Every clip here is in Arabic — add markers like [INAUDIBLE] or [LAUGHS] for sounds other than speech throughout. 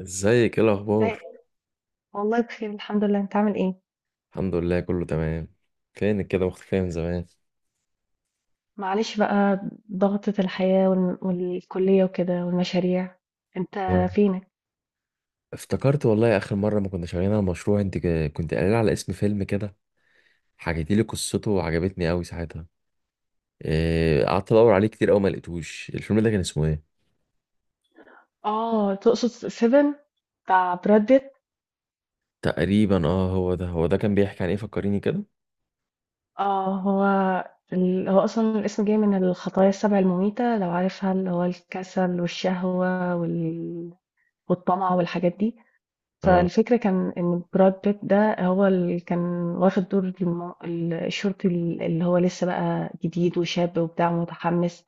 ازيك؟ ايه لا، الاخبار؟ والله بخير، الحمد لله. انت عامل ايه؟ الحمد لله كله تمام. فينك كده مختفيه من زمان؟ معلش بقى، ضغطة الحياة وال- والكلية وكده والمشاريع. انت آه. فينك؟ افتكرت والله اخر مره ما كنا شغالين على مشروع انت كنت قايل على اسم فيلم كده، حكيتي لي قصته وعجبتني قوي ساعتها. قعدت ادور عليه كتير قوي، ما لقيتهوش. الفيلم ده كان اسمه ايه؟ اه، تقصد سيفن بتاع براد بيت. تقريبا اه، هو ده هو ده. كان بيحكي عن ايه؟ فكريني كده. اه، هو اصلا الاسم جاي من الخطايا السبع المميتة، لو عارفها، اللي هو الكسل والشهوة والطمع والحاجات دي. اه. فالفكرة كان ان براد بيت ده هو اللي كان واخد دور الشرطي اللي هو لسه بقى جديد وشاب وبتاع متحمس،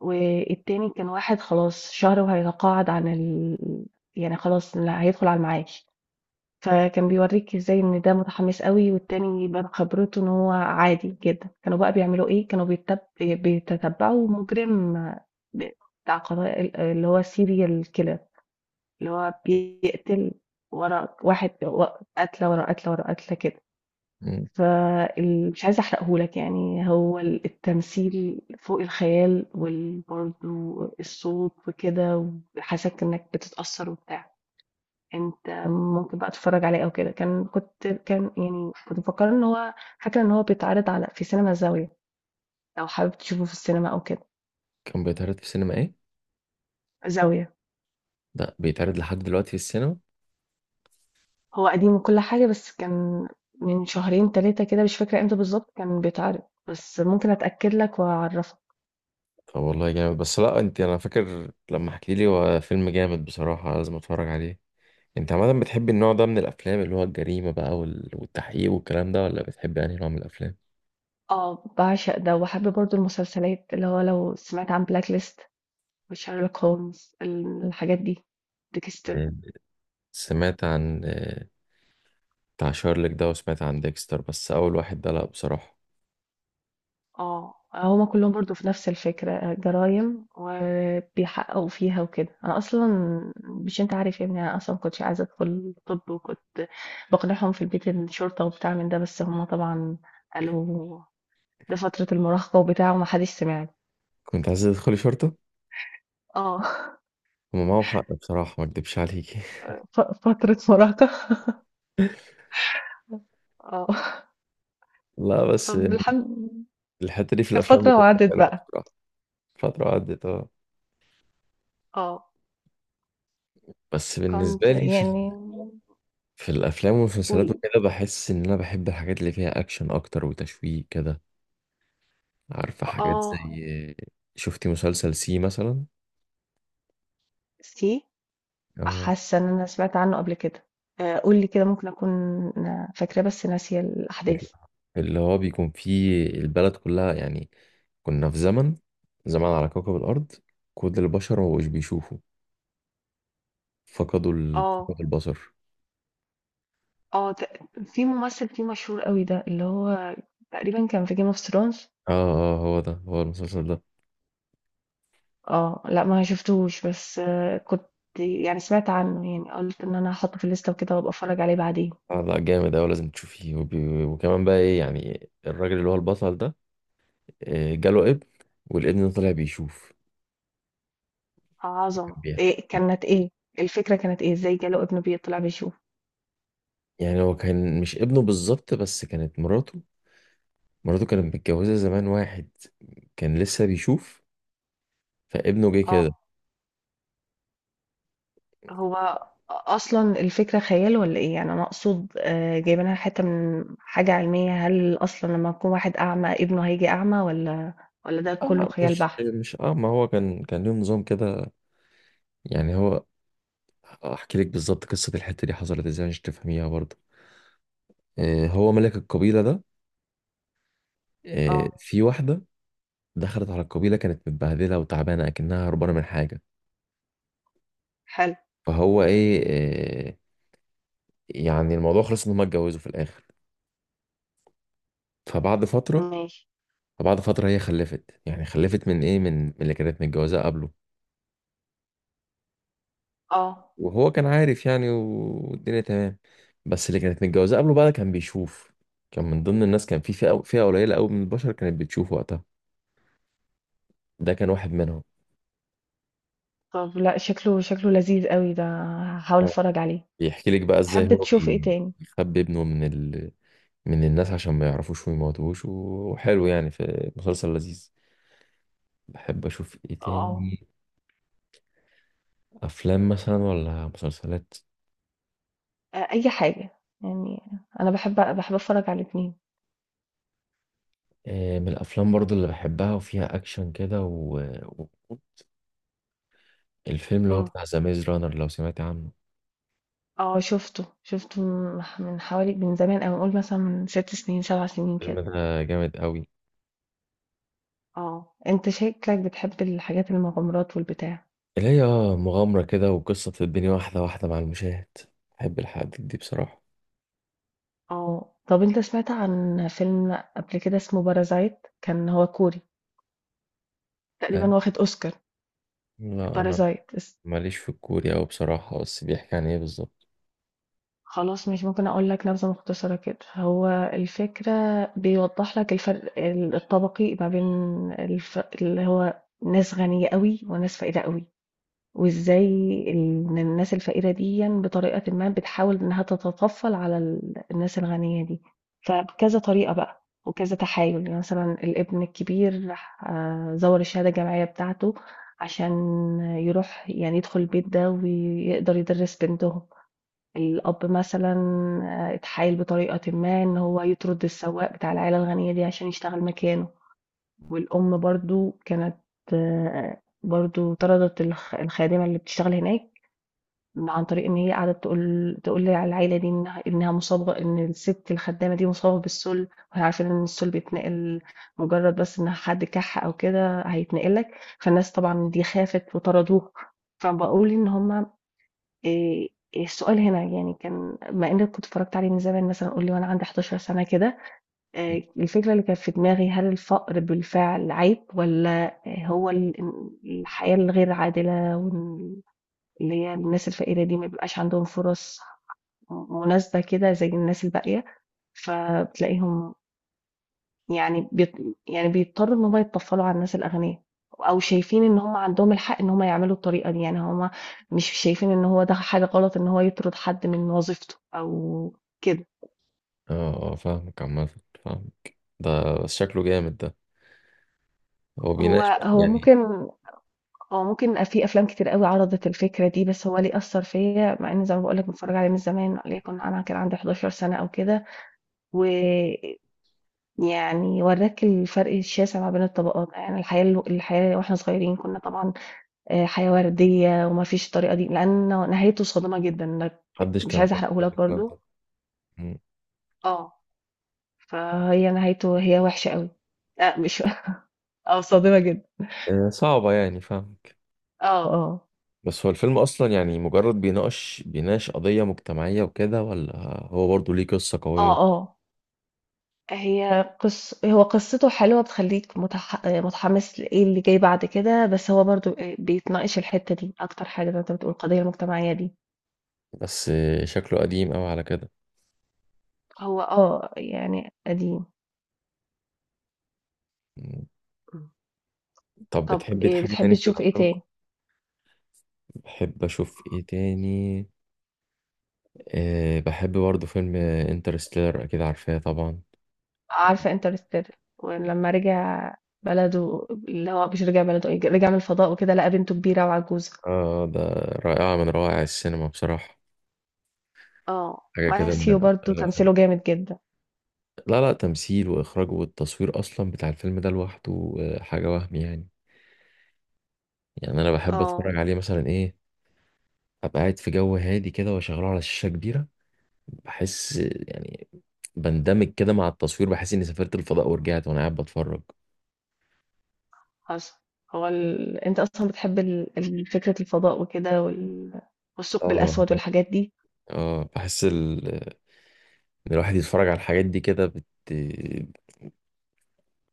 والتاني كان واحد خلاص شهر وهيتقاعد عن يعني خلاص، لا هيدخل على المعاش. فكان بيوريك ازاي ان ده متحمس قوي، والتاني بقى خبرته ان هو عادي جدا. كانوا بقى بيعملوا ايه؟ كانوا بيتتبعوا مجرم، ب- بتاع قضايا اللي هو سيريال كيلر اللي هو بيقتل ورا واحد قتلة ورا قتلة ورا قتلة كده. مم. فمش عايزة احرقهولك، يعني هو التمثيل فوق الخيال، وبرضه الصوت وكده، وحاسك انك بتتأثر وبتاع. انت ممكن بقى تتفرج عليه او كده. كان كنت كان يعني كنت مفكرة ان هو، فاكرة ان هو بيتعرض على في سينما زاوية، لو حابب تشوفه في السينما او كده. كان بيتعرض في السينما ايه؟ زاوية. لا، بيتعرض لحد دلوقتي في السينما؟ هو قديم وكل حاجة، بس كان من شهرين تلاتة كده، مش فاكرة امتى بالظبط كان بيتعرض، بس ممكن اتأكد لك واعرفك. طب والله جامد. بس لا، انت انا فاكر لما حكيتي لي هو فيلم جامد بصراحه، لازم اتفرج عليه. انت عامة بتحب النوع ده من الافلام، اللي هو الجريمة بقى والتحقيق والكلام ده، ولا بتحب يعني نوع من الافلام؟ آه، باعشق ده، وأحب برضه المسلسلات، اللي هو لو سمعت عن بلاك ليست وشارلوك هولمز الحاجات دي، ديكستر. آه، سمعت عن آه، بتاع شارلوك ده، وسمعت عن ديكستر، بس اول واحد ده لا بصراحة. اه، هما كلهم برضه في نفس الفكرة، جرايم وبيحققوا فيها وكده. أنا أصلا، مش أنت عارف يا ابني، أنا أصلا كنتش عايزة أدخل طب، وكنت بقنعهم في البيت إن الشرطة وبتاع من ده، بس هما طبعا قالوا ده فترة المراهقة وبتاع، ومحدش سمعني. كنت عايز تدخلي شرطة؟ اه. هما معاهم حق بصراحة، ما اكدبش عليكي. [LAUGHS] [LAUGHS] ف- فترة مراهقة. [LAUGHS] اه. لا بس طب الحمد. الحتة دي في كانت الافلام فترة بتبقى وعدت حلوة بقى. بصراحة. فترة عدت اه. اه، بس كنت بالنسبة لي في، يعني. في الافلام والمسلسلات قولي. وكده بحس ان انا بحب الحاجات اللي فيها اكشن اكتر وتشويق كده. عارفة حاجات اه، زي، شفتي مسلسل سي مثلا؟ سي. حاسة ان انا سمعت عنه قبل كده. آه، قولي كده، ممكن اكون فاكرة بس ناسية ال- الاحداث. اللي هو بيكون فيه البلد كلها يعني، كنا في زمن، زمان على كوكب الأرض كل البشر ما بقوش بيشوفوا، فقدوا اه. البصر. في ممثل فيه مشهور قوي ده، اللي هو تقريبا كان في جيم اوف ثرونز. اه اه هو ده، هو المسلسل ده. اه، لا ما شفتوش، بس آه، كنت يعني سمعت عنه، يعني قلت ان انا هحطه في الليستة وكده وابقى اتفرج عليه بعدين. آه لا، جامد أوي، لازم تشوفيه. وكمان بقى ايه، يعني الراجل اللي هو البطل ده آه، جاله ابن، والابن ده طلع بيشوف. عظمة. كان بيع- إيه كانت ايه الفكرة؟ كانت ايه؟ ازاي جاله ابنه بيطلع بيشوف؟ يعني هو كان مش ابنه بالظبط، بس كانت مراته، مراته كانت متجوزة زمان واحد كان لسه بيشوف، فابنه جه كده. اه، هو أصلا الفكرة خيال ولا إيه؟ يعني أنا أقصد، آه، جايبينها حتة من حاجة علمية؟ هل أصلا لما يكون واحد أعمى ابنه هيجي أعمى، ولا ولا ده كله آه، خيال مش بحت؟ مش اه ما هو كان ليهم نظام كده. يعني هو، احكي لك بالظبط قصة الحتة دي حصلت ازاي عشان تفهميها برضه. آه، هو ملك القبيلة ده، آه اه. في واحدة دخلت على القبيلة كانت متبهدلة وتعبانة اكنها هربانة من حاجة. حلو. فهو ايه، آه، يعني الموضوع خلص ان هم اتجوزوا في الاخر. فبعد فترة ماشي. فبعد فترة هي خلفت، يعني خلفت من ايه، من اللي كانت متجوزاه قبله. اه. وهو كان عارف يعني والدنيا تمام. بس اللي كانت متجوزة قبله بقى كان بيشوف، كان من ضمن الناس، كان في فئة قليلة قوي من البشر كانت بتشوف وقتها، ده كان واحد منهم. طب لا، شكله شكله لذيذ قوي ده، هحاول اه، اتفرج عليه. بيحكي لك بقى ازاي بتحب تشوف ايه تاني؟ بيخبي ابنه من الناس عشان ما يعرفوش ويموتوهوش، وحلو يعني، في مسلسل لذيذ. بحب اشوف ايه اه. تاني، افلام مثلا ولا مسلسلات؟ آه، اي حاجة، يعني انا بحب اتفرج على الاتنين. آه، من الافلام برضو اللي بحبها وفيها اكشن كده و- الفيلم اللي هو مم. بتاع ذا ميز رانر، لو سمعت عنه. اه، شفته شفته من حوالي، من زمان، او نقول مثلا من ست سنين سبع سنين فيلم كده. ده جامد قوي، آه. أنت شكلك بتحب الحاجات المغامرات والبتاع. اللي هي اه مغامرة كده، وقصة الدنيا واحدة واحدة مع المشاهد. بحب الحاجات دي بصراحة. آه. آه. طب أنت سمعت عن فيلم قبل كده اسمه بارازايت؟ كان هو كوري، آه، تقريبا واخد أوسكار، بارازيت. لا أنا بارازايت اس. ماليش في الكوري أوي بصراحة، بس بيحكي عن إيه بالظبط؟ خلاص ماشي، ممكن أقول لك نبذة مختصرة كده. هو الفكرة بيوضح لك الفرق الطبقي ما بين اللي هو ناس غنية قوي وناس فقيرة قوي. وازاي إن الناس الفقيرة دي بطريقة ما بتحاول انها تتطفل على الناس الغنية دي. فبكذا طريقة بقى وكذا تحايل، يعني مثلا الابن الكبير راح، آه، زور الشهادة الجامعية بتاعته عشان يروح يعني يدخل البيت ده ويقدر يدرس بنتهم. الأب مثلا، آه، اتحايل بطريقة ما ان هو يطرد السواق بتاع العيلة الغنية دي عشان يشتغل مكانه. والأم برضه كانت، آه، برضه طردت الخادمة اللي بتشتغل هناك، عن طريق ان هي قعدت تقول للعيله دي انها مصابه، ان الست الخدامه دي مصابه بالسل، وهي عارفه ان السل بيتنقل مجرد بس ان حد كح او كده هيتنقل لك. فالناس طبعا دي خافت وطردوها. فبقول ان هما، إيه، السؤال هنا يعني، كان مع اني كنت اتفرجت عليه من زمان، مثلا قول لي وانا عندي 11 سنه كده، الفكرة اللي كانت في دماغي، هل الفقر بالفعل عيب، والّا هو الحياة الغير عادلة وال اللي هي الناس الفقيرة دي ما بيبقاش عندهم فرص م مناسبة كده زي الناس الباقية، فبتلاقيهم يعني يعني بيضطروا إن هُم يتطفّلوا على الناس الأغنيا، أو شايفين إن هُم عندهم الحق إن هُم يعملوا الطريقة دي. يعني هُم مش شايفين إن هو ده حاجة غلط، إن هو يطرد حد من وظيفته أو كده. اه اه، فاهمك عامة، فاهمك ده. بس شكله جامد ده. هو هو بيناقش بقى، هو يعني ممكن، اه ممكن، في افلام كتير قوي عرضت الفكره دي، بس هو ليه اثر فيا، مع ان زي ما بقول لك متفرج عليه من زمان، ليكن انا كان عندي 11 سنه او كده. ويعني وراك الفرق الشاسع ما بين الطبقات، يعني الحياه واحنا صغيرين كنا طبعا، آه، حياه ورديه وما فيش الطريقه دي، لان نهايته صادمه جدا لك. محدش مش كان عايزه فاهم احرقه قبل لك الكلام ده؟ برضو. مم. اه، فهي نهايته هي وحشه قوي. لا، مش. [LAUGHS] اه، صادمه جدا. آه، صعبة يعني، فاهمك. اه. اه. بس هو الفيلم أصلا يعني مجرد بيناقش، قضية مجتمعية وكده، ولا هو برضه ليه قصة اه. قوية؟ اه، هو قصته حلوة، بتخليك متحمس لإيه اللي جاي بعد كده، بس هو برضو بيتناقش الحتة دي أكتر حاجة، زي ما أنت بتقول، القضية المجتمعية دي. بس آه، شكله قديم أوي على كده. هو اه، يعني قديم. طب طب بتحبي إيه حاجة تاني بتحبي في تشوف إيه الأفلام؟ تاني؟ بحب أشوف إيه تاني، أه بحب برضه فيلم انترستيلر، أكيد عارفاه طبعا. عارفة انترستيلر، ولما رجع بلده، اللي هو مش رجع بلده، إيه، رجع من الفضاء وكده، لقى بنته كبيرة وعجوزة. آه ده رائعة من روائع السينما بصراحة، اه، حاجة كده من ماثيو الأفلام برضو اللي تمثيله بحبها. جامد جدا. لا لا، تمثيل وإخراج والتصوير أصلا بتاع الفيلم ده لوحده آه، حاجة وهم يعني. يعني أنا بحب اه. أتفرج عليه مثلا إيه، أبقى قاعد في جو هادي كده وأشغله على شاشة كبيرة، بحس آه، يعني بندمج كده مع التصوير، بحس إني سافرت الفضاء ورجعت وأنا قاعد بتفرج. حصل. انت اصلا بتحب فكرة الفضاء وكده والثقب اه الاسود والحاجات دي. اه، بحس ان الواحد يتفرج على الحاجات دي كده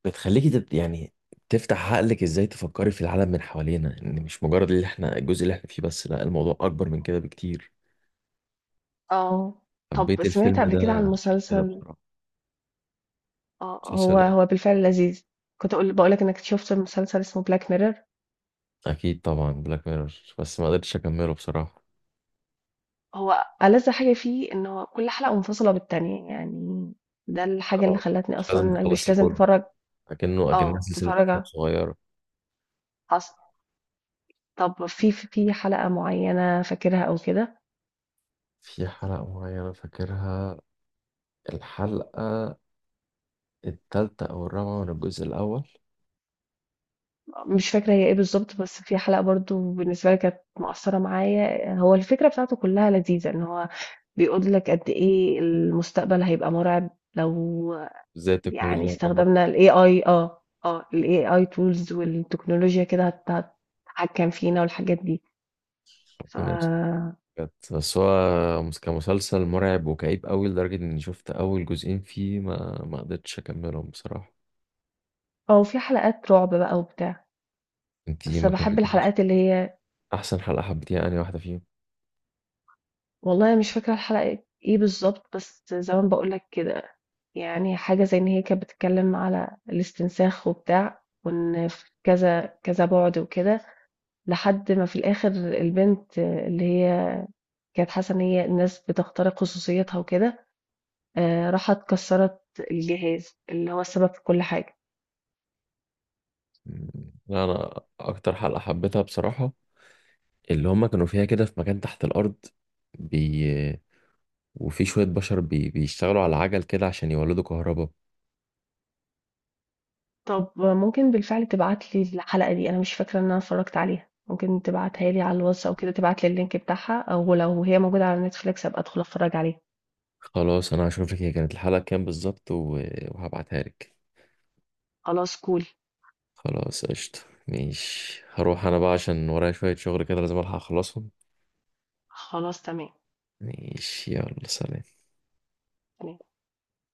بتخليكي يعني تفتح عقلك، ازاي تفكري في العالم من حوالينا، ان مش مجرد اللي احنا الجزء اللي احنا فيه بس، لا، الموضوع اكبر من كده بكتير. اه. طب حبيت سمعت الفيلم قبل كده عن ده عشان كده مسلسل؟ بصراحة. اه، هو مسلسل إيه؟ هو بالفعل لذيذ. كنت اقول بقولك انك شفت مسلسل اسمه بلاك ميرور. اكيد طبعا بلاك ميرور، بس ما قدرتش اكمله بصراحة. هو ألذ حاجة فيه ان هو كل حلقة منفصلة بالتانية، يعني ده الحاجة اللي آه، خلتني مش لازم اصلا مش تخلصيه لازم كله، تفرج. لكنه اكنها اه، سلسلة افلام صغيرة. حصل. طب في في حلقة معينة فاكرها او كده؟ في حلقة معينة فاكرها، الحلقة التالتة أو الرابعة من الجزء الأول. مش فاكرة هي إيه بالضبط، بس في حلقة برضه بالنسبة لي كانت مأثّرة معايا، هو الفكرة بتاعته كلّها لذيذة، إن هو بيقول لك قد إيه المستقبل هيبقى مرعب لو، ازاي يعني، التكنولوجيا هتدمر، استخدمنا الAI، آه، آه، الAI tools والتكنولوجيا كده، هتتحكم فينا والحاجات دي، ف، ربنا. كانت بس هو كمسلسل مرعب وكئيب قوي، لدرجة اني شفت اول جزئين فيه، ما قدرتش اكملهم بصراحة. آه، وفي حلقات رعب بقى وبتاع، انتي بس ما باحب كملتيش؟ الحلقات اللي هي. احسن حلقة حبيتيها انهي واحدة فيهم؟ والله مش فاكرة الحلقة إيه بالضبط، بس زي ما باقول لك كده، يعني حاجة زي إن هي كانت بتتكلم على الاستنساخ وبتاع، وإن في كذا كذا بعد وكده، لحد ما في الآخر البنت اللي هي كانت حاسة إن هي الناس بتخترق خصوصيتها وكده، آه، راحت كسرت الجهاز اللي هو السبب في كل حاجة. مم. لا انا اكتر حلقة حبيتها بصراحة اللي هما كانوا فيها كده في مكان تحت الارض بي... وفي شوية بشر بيشتغلوا على عجل كده عشان يولدوا كهرباء. طب ممكن بالفعل تبعتلي الحلقة دي، أنا مش فاكرة إن أنا اتفرجت عليها. ممكن تبعتها لي على الواتس أو كده، تبعتلي اللينك بتاعها، أو لو هي موجودة على نتفليكس أبقى أدخل أتفرج عليها. خلاص انا هشوف لك هي كانت الحلقة كام بالظبط و... وهبعتها لك. خلاص، كول. خلاص قشطة. ماشي، هروح انا بقى عشان ورايا شوية شغل كده، لازم الحق اخلصهم. خلاص، تمام. ماشي، يلا سلام. تمام.